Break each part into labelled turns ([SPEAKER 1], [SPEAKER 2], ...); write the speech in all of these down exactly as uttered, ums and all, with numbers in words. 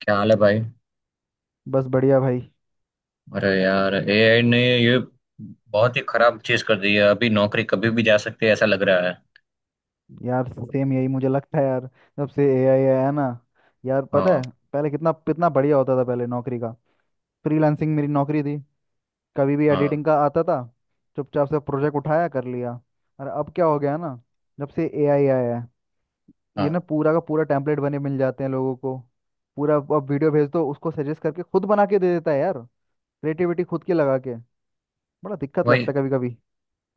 [SPEAKER 1] क्या हाल है भाई।
[SPEAKER 2] बस बढ़िया भाई।
[SPEAKER 1] अरे यार, ए आई ने ये बहुत ही खराब चीज कर दी है। अभी नौकरी कभी भी जा सकती है, ऐसा लग रहा है।
[SPEAKER 2] यार सेम यही मुझे लगता है यार। जब से एआई आया ना, यार पता
[SPEAKER 1] हाँ।
[SPEAKER 2] है पहले कितना कितना बढ़िया होता था पहले नौकरी का। फ्रीलांसिंग मेरी नौकरी थी। कभी भी
[SPEAKER 1] हाँ।
[SPEAKER 2] एडिटिंग का आता था, चुपचाप से प्रोजेक्ट उठाया कर लिया। और अब क्या हो गया ना, जब से एआई आया है ये ना
[SPEAKER 1] हाँ।
[SPEAKER 2] पूरा का पूरा टेम्पलेट बने मिल जाते हैं लोगों को। पूरा अब वीडियो भेज दो उसको, सजेस्ट करके खुद बना के दे देता है यार, क्रिएटिविटी खुद की लगा के। बड़ा दिक्कत लगता
[SPEAKER 1] वही।
[SPEAKER 2] है कभी कभी।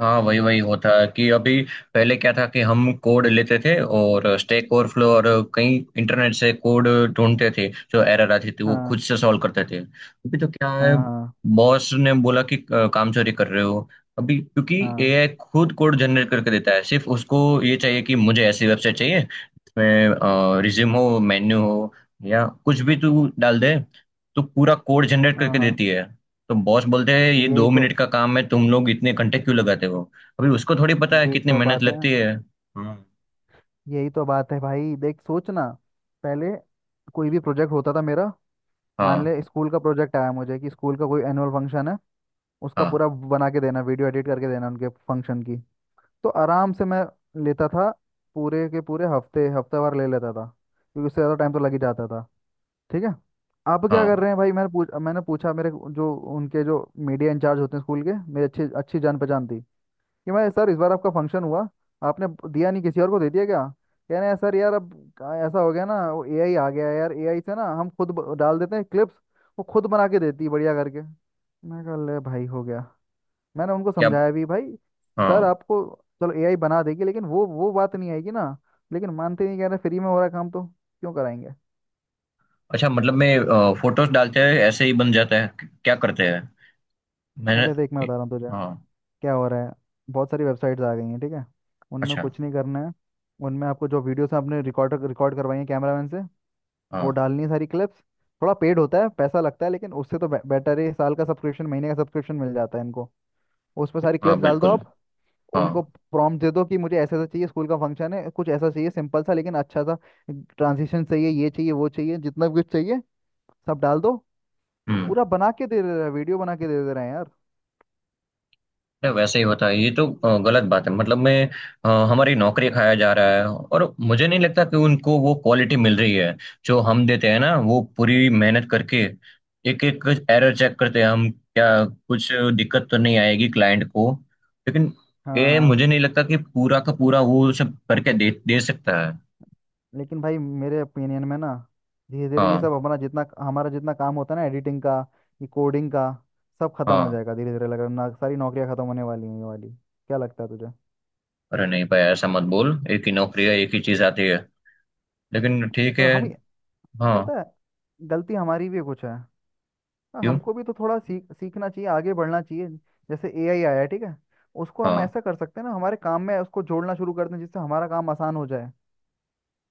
[SPEAKER 1] हाँ, वही वही होता है कि अभी पहले क्या था कि हम कोड लेते थे और स्टैक ओवरफ्लो और कहीं इंटरनेट से कोड ढूंढते थे, जो एरर आती थी वो खुद
[SPEAKER 2] हाँ।
[SPEAKER 1] से सॉल्व करते थे। अभी तो क्या है,
[SPEAKER 2] हाँ। हाँ।
[SPEAKER 1] बॉस ने बोला कि अ, काम चोरी कर रहे हो। अभी क्योंकि
[SPEAKER 2] हाँ।
[SPEAKER 1] ए आई खुद कोड जनरेट करके देता है, सिर्फ उसको ये चाहिए कि मुझे ऐसी वेबसाइट चाहिए जिसमें रिज्यूम हो, मेन्यू हो या कुछ भी तू डाल दे, तो पूरा कोड जनरेट करके
[SPEAKER 2] हाँ।
[SPEAKER 1] देती है। तो बॉस बोलते हैं,
[SPEAKER 2] हाँ।
[SPEAKER 1] ये
[SPEAKER 2] यही
[SPEAKER 1] दो
[SPEAKER 2] तो
[SPEAKER 1] मिनट का काम है, तुम लोग इतने घंटे क्यों लगाते हो। अभी उसको थोड़ी पता है
[SPEAKER 2] यही
[SPEAKER 1] कितनी
[SPEAKER 2] तो
[SPEAKER 1] मेहनत
[SPEAKER 2] बात है।
[SPEAKER 1] लगती है। हाँ।
[SPEAKER 2] यही तो बात है भाई, देख सोच ना। पहले कोई भी प्रोजेक्ट होता था मेरा। मान
[SPEAKER 1] हाँ।
[SPEAKER 2] ले स्कूल का प्रोजेक्ट आया मुझे कि स्कूल का कोई एनुअल फंक्शन है, उसका
[SPEAKER 1] हाँ।
[SPEAKER 2] पूरा बना के देना, वीडियो एडिट करके देना उनके फंक्शन की। तो आराम से मैं लेता था, पूरे के पूरे हफ्ते हफ्ते भर ले लेता था, क्योंकि उससे ज़्यादा टाइम तो लग ही जाता था। ठीक है। आप क्या कर
[SPEAKER 1] हाँ।
[SPEAKER 2] रहे हैं भाई, मैंने पूछ मैंने पूछा मेरे जो उनके जो मीडिया इंचार्ज होते हैं स्कूल के, मेरे अच्छी अच्छी जान पहचान थी। कि मैं, सर इस बार आपका फंक्शन हुआ, आपने दिया नहीं, किसी और को दे दिया क्या। कह रहे हैं सर यार अब का- ऐसा हो गया ना, वो एआई आ गया है यार, एआई से ना हम खुद ब- डाल देते हैं क्लिप्स, वो खुद बना के देती है बढ़िया करके। मैं कहा ले भाई हो गया। मैंने उनको
[SPEAKER 1] क्या।
[SPEAKER 2] समझाया भी भाई, सर
[SPEAKER 1] हाँ।
[SPEAKER 2] आपको, चलो एआई बना देगी लेकिन वो वो बात नहीं आएगी ना। लेकिन मानते नहीं, कह रहे फ्री में हो रहा है काम तो क्यों कराएंगे।
[SPEAKER 1] अच्छा, मतलब मैं अ, फोटोज डालते हैं ऐसे ही बन जाता है, क- क्या करते हैं। मैंने।
[SPEAKER 2] अरे देख मैं बता रहा हूँ तुझे,
[SPEAKER 1] हाँ।
[SPEAKER 2] क्या हो रहा है। बहुत सारी वेबसाइट्स आ गई हैं ठीक है। उनमें
[SPEAKER 1] अच्छा।
[SPEAKER 2] कुछ नहीं करना है। उनमें आपको जो वीडियोस आपने रिकॉर्ड रिकॉर्ड करवाई है कैमरामैन से, वो
[SPEAKER 1] हाँ।
[SPEAKER 2] डालनी है सारी क्लिप्स। थोड़ा पेड होता है, पैसा लगता है, लेकिन उससे तो बे, बेटर है। साल का सब्सक्रिप्शन, महीने का सब्सक्रिप्शन मिल जाता है इनको। उस पर सारी
[SPEAKER 1] हाँ।
[SPEAKER 2] क्लिप्स डाल दो
[SPEAKER 1] बिल्कुल।
[SPEAKER 2] आप,
[SPEAKER 1] हाँ।
[SPEAKER 2] उनको प्रॉम्प्ट दे दो कि मुझे ऐसा ऐसा चाहिए, स्कूल का फंक्शन है, कुछ ऐसा चाहिए सिंपल सा लेकिन अच्छा सा, ट्रांजिशन चाहिए, ये चाहिए, वो चाहिए, जितना भी कुछ चाहिए सब डाल दो।
[SPEAKER 1] हम्म।
[SPEAKER 2] पूरा बना के दे दे रहा है, वीडियो बना के दे दे रहे हैं यार।
[SPEAKER 1] या वैसे ही होता है ये तो। अ, गलत बात है, मतलब मैं अ, हमारी नौकरी खाया जा रहा है, और मुझे नहीं लगता कि उनको वो क्वालिटी मिल रही है जो हम देते हैं ना वो पूरी मेहनत करके। एक एक एरर चेक करते हैं हम, क्या कुछ दिक्कत तो नहीं आएगी क्लाइंट को, लेकिन
[SPEAKER 2] हाँ।
[SPEAKER 1] ये मुझे
[SPEAKER 2] हाँ।
[SPEAKER 1] नहीं लगता कि पूरा का पूरा वो सब करके दे दे सकता है।
[SPEAKER 2] लेकिन भाई मेरे ओपिनियन में ना, धीरे धीरे ये
[SPEAKER 1] हाँ।
[SPEAKER 2] सब अपना, जितना हमारा जितना काम होता है ना एडिटिंग का, ये कोडिंग का, सब खत्म हो
[SPEAKER 1] हाँ।
[SPEAKER 2] जाएगा धीरे धीरे। लग रहा है ना सारी नौकरियां खत्म होने वाली हैं ये वाली, क्या लगता है तुझे।
[SPEAKER 1] अरे नहीं भाई, ऐसा मत बोल। एक ही नौकरी है, एक ही चीज आती है, लेकिन ठीक
[SPEAKER 2] तो
[SPEAKER 1] है।
[SPEAKER 2] हम ये-।
[SPEAKER 1] हाँ।
[SPEAKER 2] पता है, गलती हमारी भी कुछ है। हाँ,
[SPEAKER 1] क्यों।
[SPEAKER 2] हमको भी तो थोड़ा सीख सीखना चाहिए, आगे बढ़ना चाहिए। जैसे एआई आया है ठीक है, उसको हम
[SPEAKER 1] हाँ।
[SPEAKER 2] ऐसा कर सकते हैं ना, हमारे काम में उसको जोड़ना शुरू कर दें जिससे हमारा काम आसान हो जाए,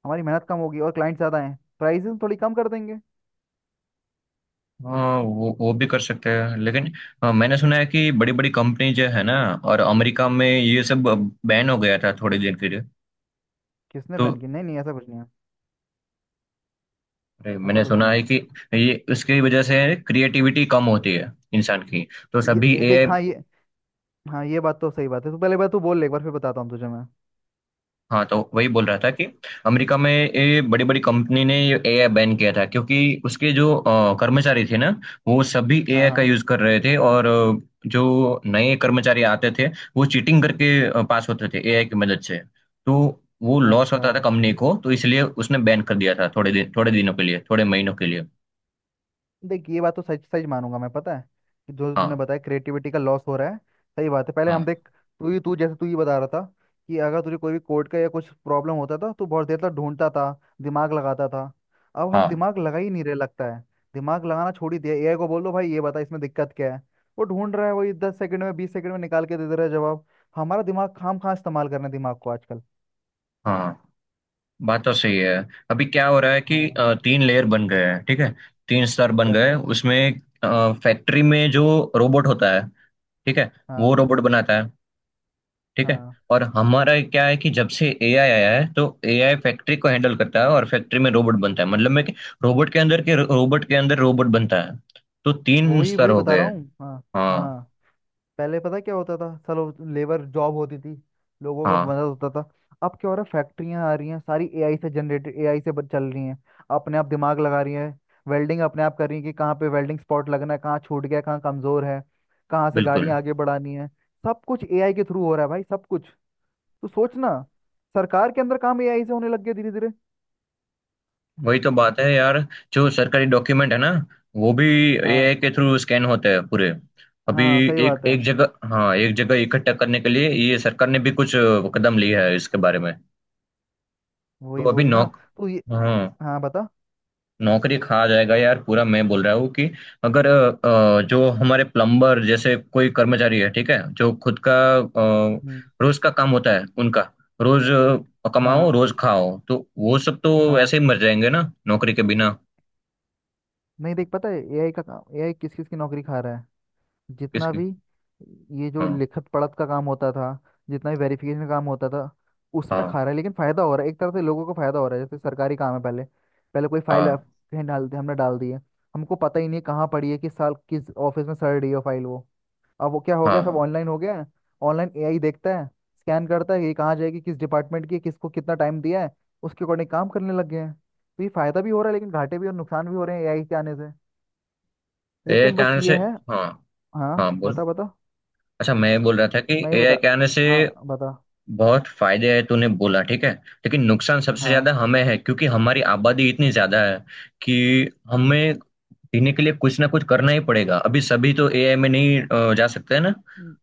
[SPEAKER 2] हमारी मेहनत कम होगी और क्लाइंट ज्यादा हैं, प्राइसेस थोड़ी कम कर देंगे।
[SPEAKER 1] हाँ, वो वो भी कर सकते हैं, लेकिन हाँ, मैंने सुना है कि बड़ी बड़ी कंपनी जो है ना और अमेरिका में ये सब बैन हो गया था थोड़ी देर के लिए।
[SPEAKER 2] किसने
[SPEAKER 1] तो
[SPEAKER 2] बैन की, नहीं नहीं, ऐसा कुछ नहीं है।
[SPEAKER 1] अरे,
[SPEAKER 2] ऐसा
[SPEAKER 1] मैंने
[SPEAKER 2] कुछ
[SPEAKER 1] सुना
[SPEAKER 2] नहीं
[SPEAKER 1] है
[SPEAKER 2] है।
[SPEAKER 1] कि ये उसकी वजह से क्रिएटिविटी कम होती है इंसान की। तो
[SPEAKER 2] ये
[SPEAKER 1] सभी
[SPEAKER 2] दे, देख
[SPEAKER 1] ए आई।
[SPEAKER 2] हाँ ये, हाँ ये बात तो सही बात है। तो पहले बात तू बोल ले एक बार, फिर बताता हूँ तुझे मैं।
[SPEAKER 1] हाँ, तो वही बोल रहा था कि अमेरिका में ये बड़ी बड़ी कंपनी ने ये ए आई बैन किया था, क्योंकि उसके जो अ, कर्मचारी थे ना वो सभी
[SPEAKER 2] हाँ।
[SPEAKER 1] ए आई का
[SPEAKER 2] हाँ।
[SPEAKER 1] यूज कर रहे थे। और अ, जो नए कर्मचारी आते थे, वो चीटिंग करके अ, पास होते थे ए आई की मदद से। तो वो लॉस
[SPEAKER 2] अच्छा।
[SPEAKER 1] होता था कंपनी को, तो इसलिए उसने बैन कर दिया था थोड़े दिन, थोड़े दिनों के लिए, थोड़े महीनों के लिए।
[SPEAKER 2] देख ये बात तो सच सच मानूंगा मैं, पता है, कि जो तूने
[SPEAKER 1] हाँ।
[SPEAKER 2] बताया क्रिएटिविटी का लॉस हो रहा है, सही बात है। पहले हम
[SPEAKER 1] हाँ।
[SPEAKER 2] देख, तू ही तू जैसे तू ही बता रहा था कि अगर तुझे कोई भी कोड का या कुछ प्रॉब्लम होता था तो बहुत देर तक ढूंढता था, दिमाग लगाता था। अब हम
[SPEAKER 1] हाँ।
[SPEAKER 2] दिमाग लगा ही नहीं रहे लगता है, दिमाग लगाना छोड़ ही दिया। एआई को बोल दो भाई ये बता इसमें दिक्कत क्या है, वो ढूंढ रहा है, वही दस सेकंड में, बीस सेकंड में निकाल के दे दे रहा है जवाब। हमारा दिमाग, खाम खा इस्तेमाल कर रहे हैं दिमाग को आजकल।
[SPEAKER 1] हाँ, बात तो सही है। अभी क्या हो रहा है कि
[SPEAKER 2] हाँ।
[SPEAKER 1] अ, तीन लेयर बन गए हैं, ठीक है। तीन स्तर बन
[SPEAKER 2] क्या
[SPEAKER 1] गए हैं।
[SPEAKER 2] क्या।
[SPEAKER 1] उसमें फैक्ट्री में जो रोबोट होता है, ठीक है, वो
[SPEAKER 2] हाँ।
[SPEAKER 1] रोबोट बनाता है, ठीक है।
[SPEAKER 2] हाँ
[SPEAKER 1] और हमारा क्या है कि जब से ए आई आया है, तो ए आई फैक्ट्री को हैंडल करता है और फैक्ट्री में रोबोट बनता है, मतलब मैं कि रोबोट के अंदर के रोबोट के अंदर रोबोट बनता है। तो तीन
[SPEAKER 2] वही
[SPEAKER 1] स्तर
[SPEAKER 2] वही
[SPEAKER 1] हो
[SPEAKER 2] बता
[SPEAKER 1] गए
[SPEAKER 2] रहा
[SPEAKER 1] हैं।
[SPEAKER 2] हूँ हाँ।
[SPEAKER 1] हाँ।
[SPEAKER 2] हाँ। पहले पता क्या होता था, चलो, लेबर जॉब होती थी, लोगों का
[SPEAKER 1] हाँ।
[SPEAKER 2] मदद होता था। अब क्या हो रहा है, फैक्ट्रियाँ आ रही हैं सारी एआई से, जनरेटेड एआई से बन- चल रही हैं, अपने आप दिमाग लगा रही है, वेल्डिंग अपने आप कर रही है, कि कहाँ पे वेल्डिंग स्पॉट लगना है, कहाँ छूट गया, कहाँ कमजोर है, कहाँ से
[SPEAKER 1] बिल्कुल।
[SPEAKER 2] गाड़ियाँ आगे बढ़ानी है। सब कुछ एआई के थ्रू हो रहा है भाई, सब कुछ। तो सोच ना, सरकार के अंदर काम एआई से होने लग गया धीरे धीरे।
[SPEAKER 1] वही तो बात है यार, जो सरकारी डॉक्यूमेंट है ना वो भी
[SPEAKER 2] हाँ।
[SPEAKER 1] ए आई के थ्रू स्कैन होते हैं पूरे। अभी
[SPEAKER 2] हाँ सही
[SPEAKER 1] एक
[SPEAKER 2] बात है।
[SPEAKER 1] एक जगह, हाँ, एक जगह इकट्ठा करने के लिए ये सरकार ने भी कुछ अ, कदम लिया है इसके बारे में। तो
[SPEAKER 2] वही
[SPEAKER 1] अभी
[SPEAKER 2] वही ना।
[SPEAKER 1] नौक।
[SPEAKER 2] तो ये।
[SPEAKER 1] हाँ।
[SPEAKER 2] हाँ बता।
[SPEAKER 1] नौकरी खा जाएगा यार पूरा, मैं बोल रहा हूँ कि अगर अ, अ, जो हमारे प्लम्बर जैसे कोई कर्मचारी है, ठीक है, जो खुद का अ,
[SPEAKER 2] हम्म,
[SPEAKER 1] रोज का काम होता है उनका, रोज अ, कमाओ
[SPEAKER 2] हाँ।
[SPEAKER 1] रोज खाओ, तो वो सब तो ऐसे
[SPEAKER 2] हाँ।
[SPEAKER 1] ही मर जाएंगे ना नौकरी के बिना।
[SPEAKER 2] नहीं देख पता है एआई का काम, एआई किस किस की नौकरी खा रहा है, जितना
[SPEAKER 1] किसकी।
[SPEAKER 2] भी ये जो
[SPEAKER 1] हाँ।
[SPEAKER 2] लिखत पढ़त का काम होता था, जितना भी वेरिफिकेशन का काम होता था, उसमें खा
[SPEAKER 1] हाँ।
[SPEAKER 2] रहा है। लेकिन फायदा हो रहा है एक तरह से, लोगों को फायदा हो रहा है, जैसे सरकारी काम है। पहले पहले कोई फाइल
[SPEAKER 1] हाँ।
[SPEAKER 2] कहीं डालते, हमने डाल दी है, हमको पता ही नहीं कहाँ पड़ी है, किस साल किस ऑफिस में सड़ रही है फाइल वो। अब वो क्या हो
[SPEAKER 1] हाँ।
[SPEAKER 2] गया, सब
[SPEAKER 1] हाँ।
[SPEAKER 2] ऑनलाइन हो गया है। ऑनलाइन एआई देखता है, स्कैन करता है, ये कहाँ जाएगी, किस डिपार्टमेंट की है, किसको कितना टाइम दिया है, उसके अकॉर्डिंग काम करने लग गए हैं। तो ये फायदा भी हो रहा है लेकिन घाटे भी और नुकसान भी हो रहे हैं एआई के आने से।
[SPEAKER 1] एआई
[SPEAKER 2] लेकिन
[SPEAKER 1] के
[SPEAKER 2] बस
[SPEAKER 1] आने से।
[SPEAKER 2] ये है।
[SPEAKER 1] हाँ। हाँ,
[SPEAKER 2] हाँ
[SPEAKER 1] बोल।
[SPEAKER 2] बता बता।
[SPEAKER 1] अच्छा, मैं बोल रहा था कि
[SPEAKER 2] मैं ये
[SPEAKER 1] ए आई
[SPEAKER 2] बता,
[SPEAKER 1] के आने से
[SPEAKER 2] हाँ बता।
[SPEAKER 1] बहुत फायदे हैं, तूने बोला ठीक है, लेकिन नुकसान सबसे ज्यादा
[SPEAKER 2] हाँ।
[SPEAKER 1] हमें है क्योंकि हमारी आबादी इतनी ज्यादा है कि
[SPEAKER 2] हम्म।
[SPEAKER 1] हमें जीने के लिए कुछ ना कुछ करना ही पड़ेगा। अभी सभी तो एआई में नहीं अ, जा सकते हैं ना।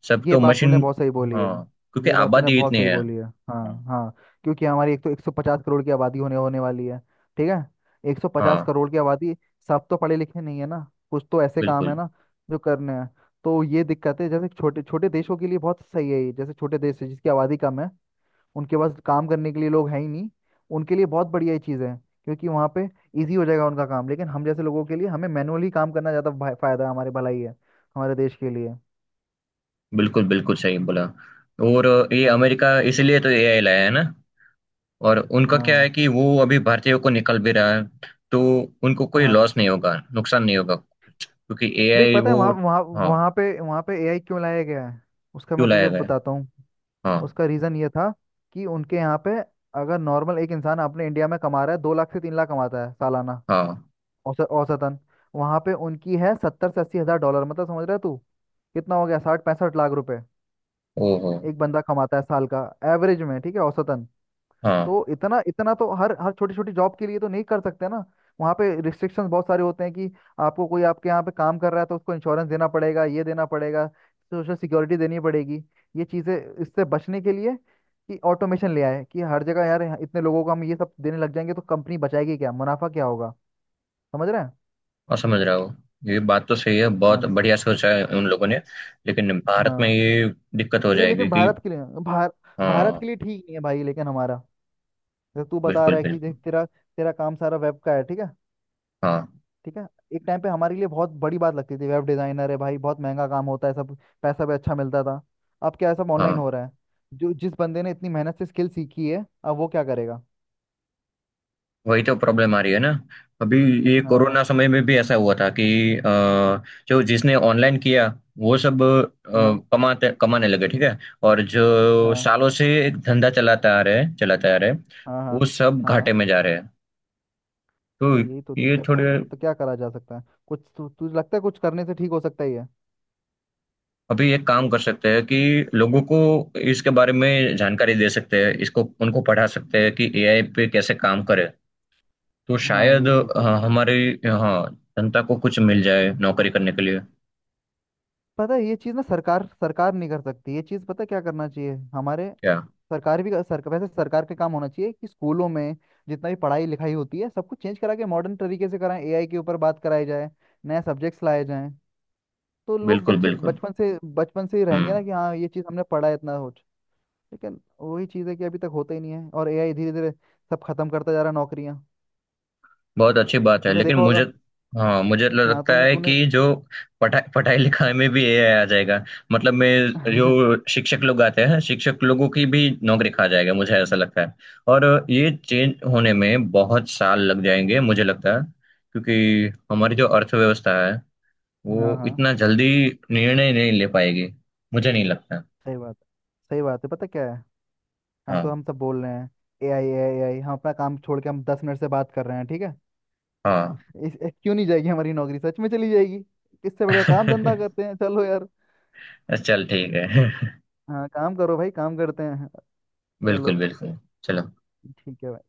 [SPEAKER 1] सब
[SPEAKER 2] ये
[SPEAKER 1] तो
[SPEAKER 2] बात तूने
[SPEAKER 1] मशीन।
[SPEAKER 2] बहुत सही बोली है।
[SPEAKER 1] हाँ, क्योंकि
[SPEAKER 2] ये बात तूने
[SPEAKER 1] आबादी
[SPEAKER 2] बहुत
[SPEAKER 1] इतनी
[SPEAKER 2] सही
[SPEAKER 1] है।
[SPEAKER 2] बोली है।
[SPEAKER 1] हाँ।
[SPEAKER 2] हाँ। हाँ। क्योंकि हमारी एक तो एक सौ पचास करोड़ की आबादी होने होने वाली है ठीक है, एक सौ पचास
[SPEAKER 1] हाँ।
[SPEAKER 2] करोड़ की आबादी। सब तो पढ़े लिखे नहीं है ना, कुछ तो ऐसे काम है
[SPEAKER 1] बिल्कुल,
[SPEAKER 2] ना जो करने हैं। तो ये दिक्कत है। जैसे छोटे छोटे देशों के लिए बहुत सही है ये, जैसे छोटे देश है जिसकी आबादी कम है, उनके पास काम करने के लिए लोग हैं ही नहीं, उनके लिए बहुत बढ़िया ये चीज़ है क्योंकि वहाँ पे इजी हो जाएगा उनका काम। लेकिन हम जैसे लोगों के लिए हमें मैनुअली काम करना ज़्यादा फायदा है, हमारे भलाई है, हमारे देश के लिए।
[SPEAKER 1] बिल्कुल, बिल्कुल सही बोला। और अ, ये
[SPEAKER 2] हाँ।
[SPEAKER 1] अमेरिका इसलिए तो एआई लाया है ना। और उनका क्या
[SPEAKER 2] हाँ।
[SPEAKER 1] है कि वो अभी भारतीयों को निकल भी रहा है, तो उनको कोई
[SPEAKER 2] हाँ।
[SPEAKER 1] लॉस नहीं होगा, नुकसान नहीं होगा, क्योंकि
[SPEAKER 2] देख
[SPEAKER 1] एआई
[SPEAKER 2] पता है,
[SPEAKER 1] वो।
[SPEAKER 2] वहाँ वहाँ
[SPEAKER 1] हाँ।
[SPEAKER 2] वहाँ पे वहाँ पे एआई क्यों लाया गया है, उसका
[SPEAKER 1] क्यों
[SPEAKER 2] मैं
[SPEAKER 1] लाया
[SPEAKER 2] तुझे
[SPEAKER 1] गया है?
[SPEAKER 2] बताता हूँ।
[SPEAKER 1] हाँ।
[SPEAKER 2] उसका रीज़न ये था कि उनके यहाँ पे, अगर नॉर्मल एक इंसान अपने इंडिया में कमा रहा है, दो लाख से तीन लाख कमाता है सालाना,
[SPEAKER 1] हाँ।
[SPEAKER 2] औसत औसतन, वहाँ पे उनकी है सत्तर से अस्सी हज़ार डॉलर। मतलब समझ रहा है तू, कितना हो गया, साठ पैंसठ लाख रुपए
[SPEAKER 1] ओहो।
[SPEAKER 2] एक बंदा कमाता है साल का, एवरेज में, ठीक है, औसतन।
[SPEAKER 1] हाँ,
[SPEAKER 2] तो इतना इतना तो हर हर छोटी छोटी जॉब के लिए तो नहीं कर सकते ना। वहाँ पे रिस्ट्रिक्शंस बहुत सारे होते हैं कि आपको, कोई आपके यहाँ पे काम कर रहा है तो उसको इंश्योरेंस देना पड़ेगा, ये देना पड़ेगा, सोशल सिक्योरिटी देनी पड़ेगी, ये चीज़ें। इससे बचने के लिए कि ऑटोमेशन ले आए कि हर जगह यार, यहाँ इतने लोगों को हम ये सब देने लग जाएंगे तो कंपनी बचाएगी क्या, मुनाफा क्या होगा, समझ रहे हैं।
[SPEAKER 1] और समझ रहा हूँ। ये बात तो सही है, बहुत
[SPEAKER 2] हाँ।
[SPEAKER 1] बढ़िया सोचा है उन लोगों ने। लेकिन भारत में
[SPEAKER 2] हाँ।
[SPEAKER 1] ये दिक्कत हो
[SPEAKER 2] ये लेकिन
[SPEAKER 1] जाएगी कि।
[SPEAKER 2] भारत के लिए, भार, भारत
[SPEAKER 1] हाँ।
[SPEAKER 2] के लिए ठीक नहीं है भाई। लेकिन हमारा, जैसे तू बता
[SPEAKER 1] बिल्कुल
[SPEAKER 2] रहा है कि देख,
[SPEAKER 1] बिल्कुल।
[SPEAKER 2] तेरा तेरा काम सारा वेब का है ठीक है,
[SPEAKER 1] हाँ।
[SPEAKER 2] ठीक है। एक टाइम पे हमारे लिए बहुत बड़ी बात लगती थी वेब डिजाइनर है भाई, बहुत महंगा काम होता है सब, पैसा भी अच्छा मिलता था। अब क्या है, सब ऑनलाइन हो
[SPEAKER 1] हाँ।
[SPEAKER 2] रहा है। जो जिस बंदे ने इतनी मेहनत से स्किल सीखी है, अब वो क्या करेगा।
[SPEAKER 1] वही तो प्रॉब्लम आ रही है ना अभी। ये
[SPEAKER 2] हाँ।
[SPEAKER 1] कोरोना समय में भी ऐसा हुआ था कि अ, जो जिसने ऑनलाइन किया, वो सब
[SPEAKER 2] हाँ।
[SPEAKER 1] अ, कमाते कमाने लगे, ठीक है। और जो
[SPEAKER 2] हाँ।
[SPEAKER 1] सालों से एक धंधा चलाता आ रहे हैं, चलाता आ रहे हैं,
[SPEAKER 2] हाँ। हाँ।
[SPEAKER 1] वो सब
[SPEAKER 2] हाँ।
[SPEAKER 1] घाटे में जा रहे हैं। तो
[SPEAKER 2] यार यही तो
[SPEAKER 1] ये
[SPEAKER 2] दिक्कत है,
[SPEAKER 1] थोड़े।
[SPEAKER 2] अब तो क्या करा जा सकता है। कुछ तु, तुझे लगता है कुछ करने से ठीक हो सकता ही है।
[SPEAKER 1] अभी एक काम कर सकते हैं कि लोगों को इसके बारे में जानकारी दे सकते हैं, इसको उनको पढ़ा सकते हैं कि एआई पे कैसे काम करे। तो
[SPEAKER 2] हाँ
[SPEAKER 1] शायद
[SPEAKER 2] ये चीज़
[SPEAKER 1] अ,
[SPEAKER 2] बता।
[SPEAKER 1] हमारी, हाँ, जनता को कुछ मिल जाए नौकरी करने के लिए।
[SPEAKER 2] पता है, ये चीज़ ना, सरकार सरकार नहीं कर सकती ये चीज़, पता है क्या करना चाहिए हमारे,
[SPEAKER 1] क्या।
[SPEAKER 2] सरकार भी सरकार वैसे सरकार का काम होना चाहिए कि स्कूलों में जितना भी पढ़ाई लिखाई होती है सब कुछ चेंज करा के मॉडर्न तरीके से कराएं, एआई के ऊपर बात कराई जाए, नए सब्जेक्ट्स लाए जाएं। तो लोग
[SPEAKER 1] बिल्कुल
[SPEAKER 2] बच्चे
[SPEAKER 1] बिल्कुल।
[SPEAKER 2] बचपन से बचपन से ही रहेंगे
[SPEAKER 1] हम्म।
[SPEAKER 2] ना कि हाँ ये चीज़ हमने पढ़ा है इतना कुछ। लेकिन वही चीज़ है कि अभी तक होता ही नहीं है और एआई धीरे धीरे सब खत्म करता जा रहा है नौकरियां।
[SPEAKER 1] बहुत अच्छी बात है,
[SPEAKER 2] तूने
[SPEAKER 1] लेकिन
[SPEAKER 2] देखा होगा।
[SPEAKER 1] मुझे। हाँ, मुझे
[SPEAKER 2] हाँ
[SPEAKER 1] लगता
[SPEAKER 2] तूने
[SPEAKER 1] है
[SPEAKER 2] तूने।
[SPEAKER 1] कि जो पढ़ाई पढ़ाई लिखाई में भी ए आई आ जाएगा। मतलब मैं,
[SPEAKER 2] हाँ।
[SPEAKER 1] जो शिक्षक लोग आते हैं शिक्षक लोगों की भी नौकरी खा जाएगा, मुझे ऐसा लगता है। और ये चेंज होने में बहुत साल लग जाएंगे मुझे लगता है, क्योंकि हमारी जो अर्थव्यवस्था है वो
[SPEAKER 2] हाँ
[SPEAKER 1] इतना जल्दी निर्णय नहीं ले पाएगी, मुझे नहीं लगता।
[SPEAKER 2] सही बात है, सही बात है, पता क्या है, हम तो
[SPEAKER 1] हाँ।
[SPEAKER 2] हम सब बोल रहे हैं ए आई ए आई। हम अपना काम छोड़ के हम दस मिनट से बात कर रहे हैं ठीक है।
[SPEAKER 1] हाँ।
[SPEAKER 2] इस, इस क्यों नहीं जाएगी हमारी नौकरी, सच में चली जाएगी। इससे बढ़िया काम धंधा करते हैं चलो यार।
[SPEAKER 1] चल, ठीक है।
[SPEAKER 2] हाँ काम करो भाई काम करते हैं।
[SPEAKER 1] बिल्कुल
[SPEAKER 2] चलो
[SPEAKER 1] बिल्कुल। चलो।
[SPEAKER 2] ठीक है भाई।